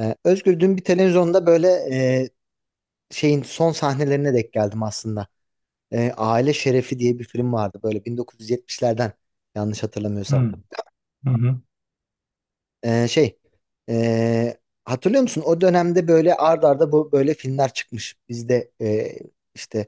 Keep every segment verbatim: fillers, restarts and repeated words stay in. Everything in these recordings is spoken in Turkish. Ee, Özgür, dün bir televizyonda böyle e, şeyin son sahnelerine denk geldim aslında. Ee, Aile Şerefi diye bir film vardı böyle bin dokuz yüz yetmişlerden, yanlış hatırlamıyorsam. Hı, hı hı. Ee, şey e, hatırlıyor musun? O dönemde böyle ard arda bu böyle filmler çıkmış. Biz de e, işte,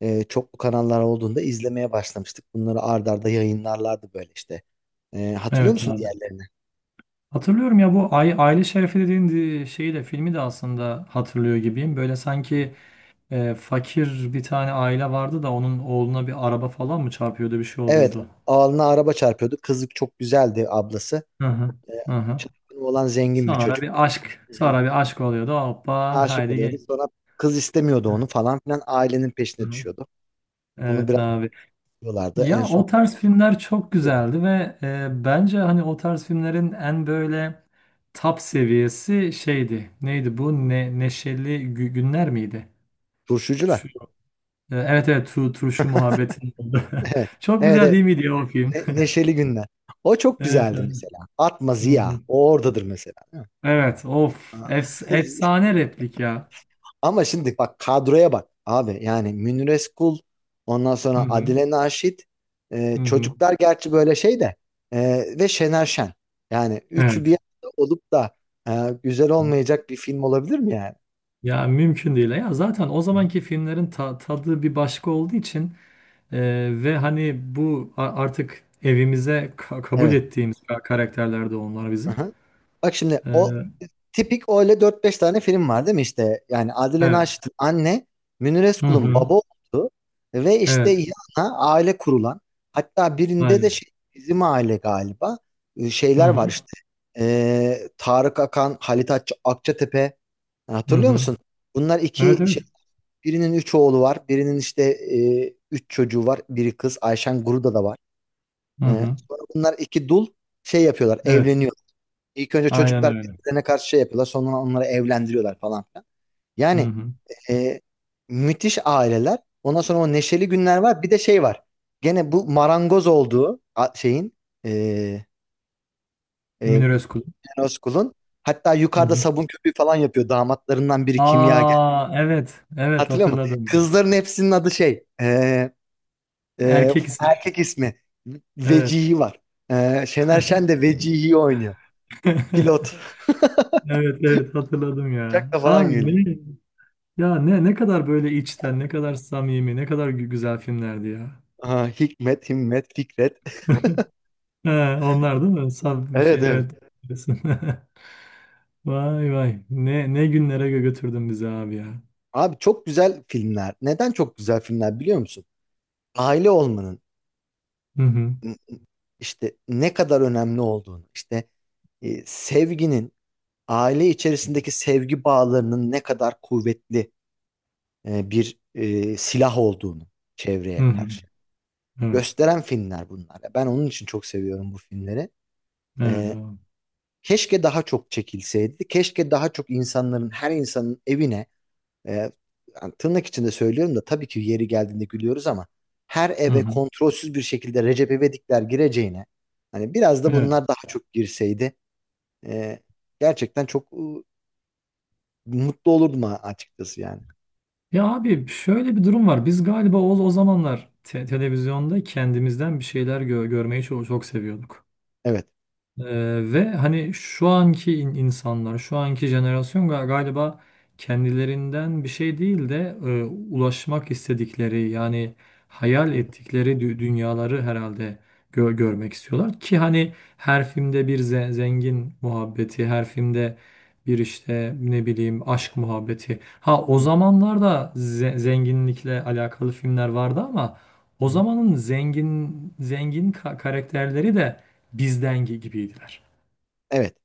e, çoklu kanallar olduğunda izlemeye başlamıştık. Bunları ard arda yayınlarlardı böyle işte. Ee, hatırlıyor Evet musun abi. diğerlerini? Hatırlıyorum ya, bu Ay- Aile Şerefi dediğin di- şeyi de filmi de aslında hatırlıyor gibiyim. Böyle sanki e, fakir bir tane aile vardı da onun oğluna bir araba falan mı çarpıyordu, bir şey Evet, oluyordu. alnına araba çarpıyordu. Kızlık çok güzeldi ablası. Hı hı. Ee, Hı hı. Çapkını olan zengin bir Sonra çocuk. bir aşk, Hı hı. sonra bir aşk oluyordu. Hoppa Aşık haydi oluyordu. gel. Sonra kız istemiyordu onu falan filan. Ailenin Hı peşine hı. düşüyordu. Onu Evet biraz abi. tutuyorlardı. En Ya son o tarz filmler çok tutuyordu. güzeldi ve e, bence hani o tarz filmlerin en böyle top seviyesi şeydi. Neydi bu? Ne, Neşeli Gü- Günler miydi? Turşucular. Şu, e, evet evet, tu, turşu muhabbetin oldu. Evet. Çok Evet, güzel evet. değil miydi ya o film? Ne- neşeli günler. O çok Evet. güzeldi Evet, mesela. Atma hı Ziya. hı. O oradadır mesela. Evet, of Aa. efs- efsane replik ya. Ama şimdi bak kadroya, bak abi. Yani Münir Özkul, ondan Hı sonra hı. Adile Naşit, e, Hı hı. çocuklar gerçi böyle şey de, e, ve Şener Şen. Yani üçü bir Evet. arada olup da e, güzel olmayacak bir film olabilir mi yani? Ya mümkün değil. Ya zaten o Hı hı. zamanki filmlerin ta- tadı bir başka olduğu için Ee, ve hani bu a- artık evimize ka- kabul Evet. ettiğimiz ka- karakterler de onlar bizim. Aha. Bak şimdi o Ee, tipik öyle dört beş tane film var değil mi işte? Yani Adile evet. Naşit'in anne, Münir Hı Özkul'un hı. baba olduğu ve işte Evet. yanına aile kurulan, hatta birinde de Aynen. şey, bizim aile galiba, e, Hı şeyler hı. var işte. Ee, Tarık Akan, Halit Akça- Akçatepe. Yani, Hı hatırlıyor hı. musun? Bunlar Evet iki evet. şey, birinin üç oğlu var, birinin işte, e, üç çocuğu var, biri kız, Ayşen Guruda da var. Hı Ee, hı. Sonra bunlar iki dul şey yapıyorlar, Evet. evleniyor. İlk önce Aynen çocuklar öyle. birbirlerine karşı şey yapıyorlar. Sonra onları evlendiriyorlar falan filan. Hı Yani, hı. e, müthiş aileler. Ondan sonra o neşeli günler var. Bir de şey var. Gene bu marangoz olduğu a- şeyin, e, e, Münir Özkul. Eroskul'un, hatta Hı yukarıda hı. sabun köpüğü falan yapıyor. Damatlarından biri kimyager. Aa evet. Evet Hatırlıyor musun? hatırladım. Kızların hepsinin adı şey, e, e, Erkek isim. erkek ismi. Evet. Vecihi var. E, Şener Şen de Vecihi'yi oynuyor. Pilot. Evet evet hatırladım ya. Uçakla falan Abi geliyor. ne ya ne ne kadar böyle içten, ne kadar samimi, ne kadar gü- güzel filmlerdi ya. Aha, Hikmet, Himmet, Fikret. Ha, onlar değil mi? Saf bir şey, Evet, evet. evet. Diyorsun. Vay vay. Ne ne günlere gö- götürdün bizi abi ya. Abi, çok güzel filmler. Neden çok güzel filmler biliyor musun? Aile olmanın, Hı hı. m, işte ne kadar önemli olduğunu, işte e, sevginin, aile içerisindeki sevgi bağlarının ne kadar kuvvetli e, bir e, silah olduğunu çevreye Hı hı. karşı Evet. gösteren filmler bunlar. Ben onun için çok seviyorum bu filmleri. Evet E, abi. Keşke daha çok çekilseydi. Keşke daha çok insanların, her insanın evine... E, Yani, tırnak içinde söylüyorum da tabii ki yeri geldiğinde gülüyoruz ama, her Hı eve hı. kontrolsüz bir şekilde Recep İvedikler gireceğine, hani biraz da Evet. bunlar daha çok girseydi, e, gerçekten çok e, mutlu olurdum, a- açıkçası yani. Ya abi şöyle bir durum var. Biz galiba o, o zamanlar te- televizyonda kendimizden bir şeyler gö- görmeyi çok, çok seviyorduk. Evet. Ee, ve hani şu anki in- insanlar, şu anki jenerasyon ga- galiba kendilerinden bir şey değil de e, ulaşmak istedikleri, yani hayal Hı ettikleri dü- dünyaları herhalde gö- görmek istiyorlar ki hani her filmde bir ze- zengin muhabbeti, her filmde bir işte ne bileyim aşk muhabbeti. Ha, o hı. zamanlarda ze- zenginlikle alakalı filmler vardı ama Hı o hı. zamanın zengin zengin ka- karakterleri de bizden gibiydiler. Evet.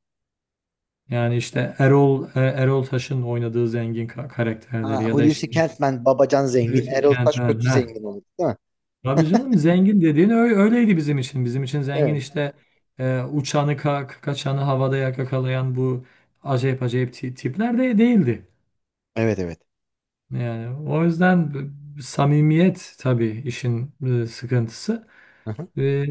Yani işte Erol e, Erol Taş'ın oynadığı zengin ka- karakterleri Ha, ya da Hulusi işte Kentmen babacan zengin. Hulusi Erol Taş Kentmen. kötü Heh. zengin olur değil mi? Tabii canım, zengin dediğin ö- öyleydi bizim için. Bizim için zengin Evet. işte, e, uçanı ka- kaçanı havada yakalayan bu acayip acayip ti- tipler de değildi. Evet, evet. Yani o yüzden b- samimiyet tabii işin e, sıkıntısı. Hı hı. E,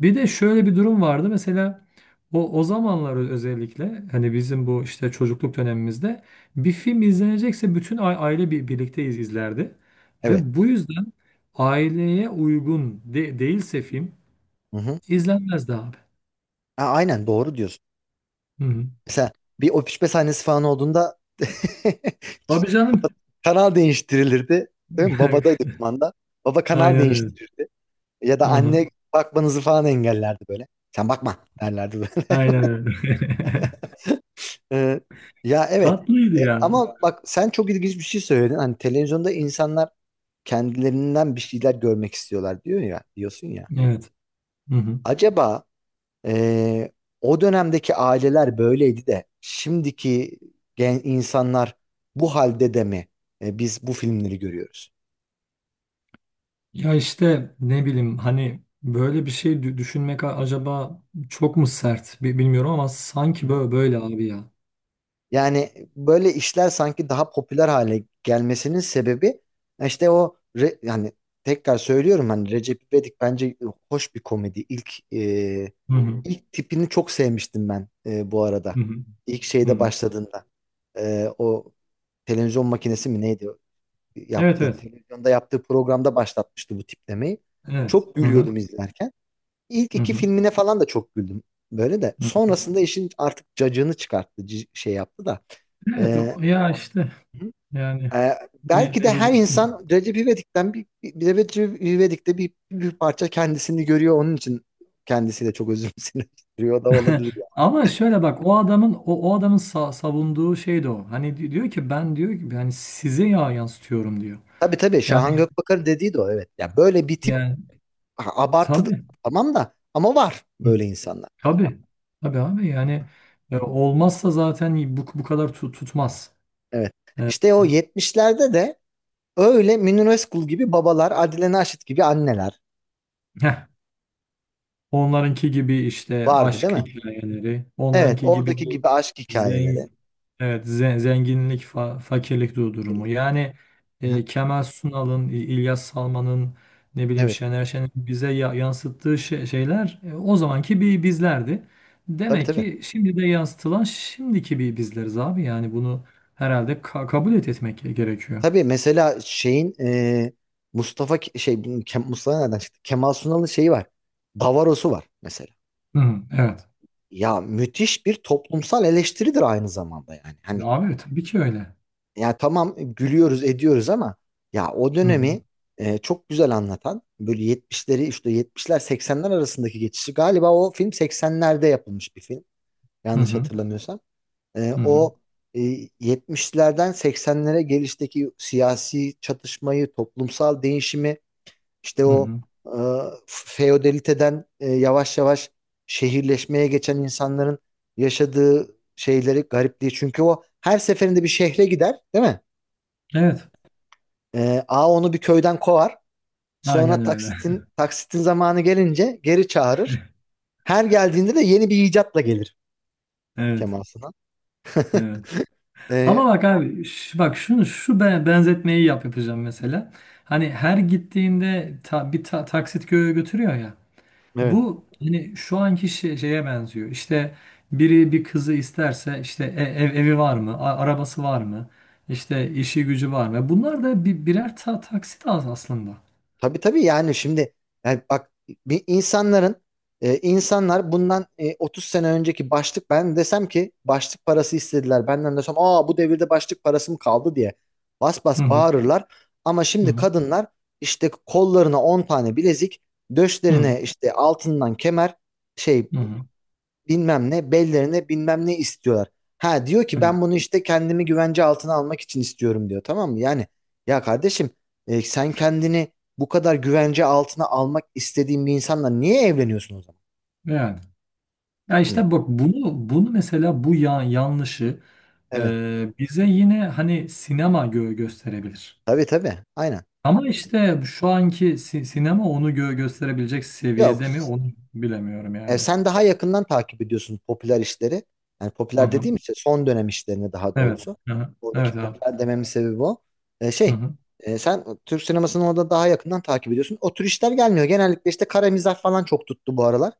bir de şöyle bir durum vardı. Mesela o o zamanlar, özellikle hani bizim bu işte çocukluk dönemimizde, bir film izlenecekse bütün a- aile bir, birlikte iz- izlerdi. Evet. Ve bu yüzden aileye uygun de- değilse film Hı hı. izlenmezdi abi. Ha, aynen, doğru diyorsun. Hı hı. Mesela bir öpüşme sahnesi falan olduğunda Tabii canım. kanal değiştirilirdi. Değil mi? Babadaydı kumanda. Baba kanal Aynen öyle. değiştirirdi. Ya da Hı hı. anne bakmanızı falan engellerdi böyle. Sen bakma derlerdi. Aynen öyle. Ee, ya, evet. Tatlıydı E, ya. Ama bak, sen çok ilginç bir şey söyledin. Hani televizyonda insanlar kendilerinden bir şeyler görmek istiyorlar diyor ya, diyorsun ya. Evet. Hı hı. Acaba, e, o dönemdeki aileler böyleydi de, şimdiki gen insanlar bu halde de mi e, biz bu filmleri görüyoruz? Ya işte ne bileyim hani böyle bir şey dü- düşünmek a- acaba çok mu sert, bi- bilmiyorum, ama sanki böyle, böyle abi ya. Yani böyle işler sanki daha popüler hale gelmesinin sebebi, işte o re- yani, tekrar söylüyorum, hani Recep İvedik bence hoş bir komedi. İlk e, Hı hı. ilk tipini çok sevmiştim ben, e, bu arada. Hı hı. İlk Hı şeyde hı. başladığında, E, o televizyon makinesi mi neydi, Evet yaptığı evet. televizyonda yaptığı programda başlatmıştı bu tiplemeyi. Evet. Çok Hı hı. gülüyordum izlerken. İlk Hı iki hı. filmine falan da çok güldüm. Böyle de. Hı hı. Sonrasında işin artık cacığını çıkarttı. c- Şey yaptı da. Evet Ee, o- ya işte yani e, ne, Belki ne de her diyeceksin ki? insan Recep İvedik'ten bir, bir bir- Recep İvedik'te bir, bir parça kendisini görüyor. Onun için kendisi de çok özümsüyor da olabilir. Yani. Ama şöyle bak, o adamın o, o adamın sa- savunduğu şey de o. Hani di- diyor ki, ben diyor ki yani size ya yansıtıyorum diyor. Tabii tabii, Şahan Yani Gökbakar dediği de o, evet. Ya böyle bir tip yani a- abartı, tabii. tamam da, ama var böyle insanlar. Tabii. Tabii abi, yani e, Hı hı. olmazsa zaten bu, bu kadar tu- tutmaz. Evet. E, İşte o yetmişlerde de öyle Münir Özkul gibi babalar, Adile Naşit gibi anneler heh, onlarınki gibi işte vardı. Evet, değil aşk mi? hikayeleri, Evet, onlarınki gibi oradaki bir gibi aşk hikayeleri. zengin, evet, ze- zenginlik fa- fakirlik du- durumu. Kirlilik. Yani Hı. e, Kemal Sunal'ın, İ- İlyas Salman'ın, ne bileyim Evet, Şener Şen'in bize ya- yansıttığı şey- şeyler, e, o zamanki bir bizlerdi. tabii Demek tabii. ki şimdi de yansıtılan, şimdiki bir bizleriz abi. Yani bunu herhalde ka- kabul et etmek gerekiyor. Tabii, mesela şeyin, e, Mustafa Ke- şey Ke- Mustafa nereden çıktı? Kemal Sunal'ın şeyi var. Davaros'u var mesela. Hı hı, evet. Ya müthiş bir toplumsal eleştiridir aynı zamanda, yani. Hani, Abi tabii ki öyle. ya tamam, gülüyoruz, ediyoruz ama, ya o Hı hı, dönemi e, çok güzel anlatan, böyle yetmişleri, işte yetmişler seksenler arasındaki geçişi, galiba o film seksenlerde yapılmış bir film. hı Yanlış hı, hatırlamıyorsam. E, hı hı, o e, yetmişlerden seksenlere gelişteki siyasi çatışmayı, toplumsal değişimi, işte hı o, hı. e, feodaliteden, e, yavaş yavaş şehirleşmeye geçen insanların yaşadığı şeyleri, garipliği. Çünkü o her seferinde bir şehre gider, değil mi? Evet. E, A Onu bir köyden kovar. Sonra Aynen öyle. taksitin taksitin zamanı gelince geri çağırır. Her geldiğinde de yeni bir icatla gelir Evet. Kemal Sunal. Evet. Ama E, bak abi, ş- bak şunu, şu be- benzetmeyi yap yapacağım mesela. Hani her gittiğinde ta- bir ta- taksit gö- götürüyor ya. evet. Bu hani şu anki şey- şeye benziyor. İşte biri bir kızı isterse, işte e- ev, evi var mı? A- arabası var mı? İşte işi gücü var mı? Bunlar da bir, birer ta- taksit az aslında. Tabii tabii, yani şimdi, yani bak, bir insanların e, insanlar bundan e, otuz sene önceki başlık... Ben desem ki başlık parası istediler benden, desem aa bu devirde başlık parası mı kaldı diye bas bas Hı hı, bağırırlar, ama şimdi hı kadınlar işte kollarına on tane bilezik, hı, döşlerine işte altından kemer, şey, hı hı. bilmem ne, bellerine bilmem ne istiyorlar. Ha, diyor ki Evet. ben bunu işte kendimi güvence altına almak için istiyorum, diyor, tamam mı? Yani, ya kardeşim, e, sen kendini bu kadar güvence altına almak istediğin bir insanla niye evleniyorsun o zaman? Yani. Ya Hani, işte bak, bunu bunu mesela bu ya- yanlışı evet, e, bize yine hani sinema gö gösterebilir. tabii tabii, aynen. Ama işte şu anki si- sinema onu gö gösterebilecek Yok. seviyede mi, onu bilemiyorum E, yani. Sen daha yakından takip ediyorsun popüler işleri. Yani Hı popüler hı. dediğim, işte son dönem işlerini, daha Evet. doğrusu. Hı hı. Buradaki Evet abi. popüler dememin sebebi o. E, Hı şey, hı. E, sen Türk sinemasını orada daha yakından takip ediyorsun. O tür işler gelmiyor. Genellikle işte kara mizah falan çok tuttu bu aralar.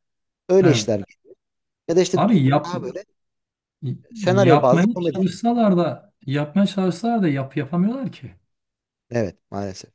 Öyle Evet. işler. Ya da işte e, Abi yap daha böyle senaryo bazlı yapmaya komedi filmi. çalışsalar da, yapmaya çalışsalar da yap yapamıyorlar ki. Evet, maalesef.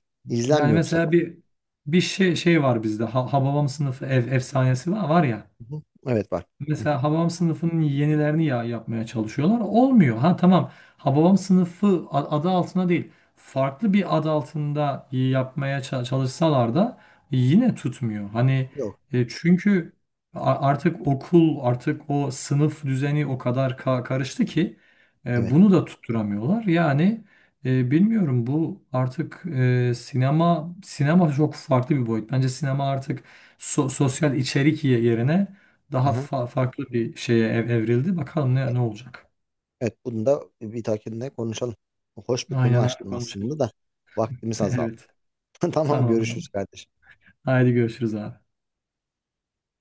Yani İzlenmiyor bu mesela sefer. bir bir şey şey var bizde. Ha, Hababam sınıfı ef efsanesi var, var ya. Hı hı. Evet, var. Hı hı. Mesela Hababam sınıfının yenilerini ya yapmaya çalışıyorlar. Olmuyor. Ha tamam. Hababam sınıfı a- adı altına değil. Farklı bir adı altında yapmaya ça- çalışsalar da yine tutmuyor. Hani Yok. e, çünkü a- artık okul, artık o sınıf düzeni o kadar ka- karıştı ki, e, Evet. bunu da tutturamıyorlar. Yani e, bilmiyorum, bu artık e, sinema sinema çok farklı bir boyut. Bence sinema artık so- sosyal içerik ye- yerine Hı daha hı. fa- farklı bir şeye ev- evrildi. Bakalım E, ne ne olacak. Evet, bunu da bir dahakinde konuşalım. Hoş bir konu Aynen abi, açtın konuşalım. aslında da vaktimiz azaldı. Evet. Tamam, Tamam görüşürüz abi. kardeşim. Haydi görüşürüz abi.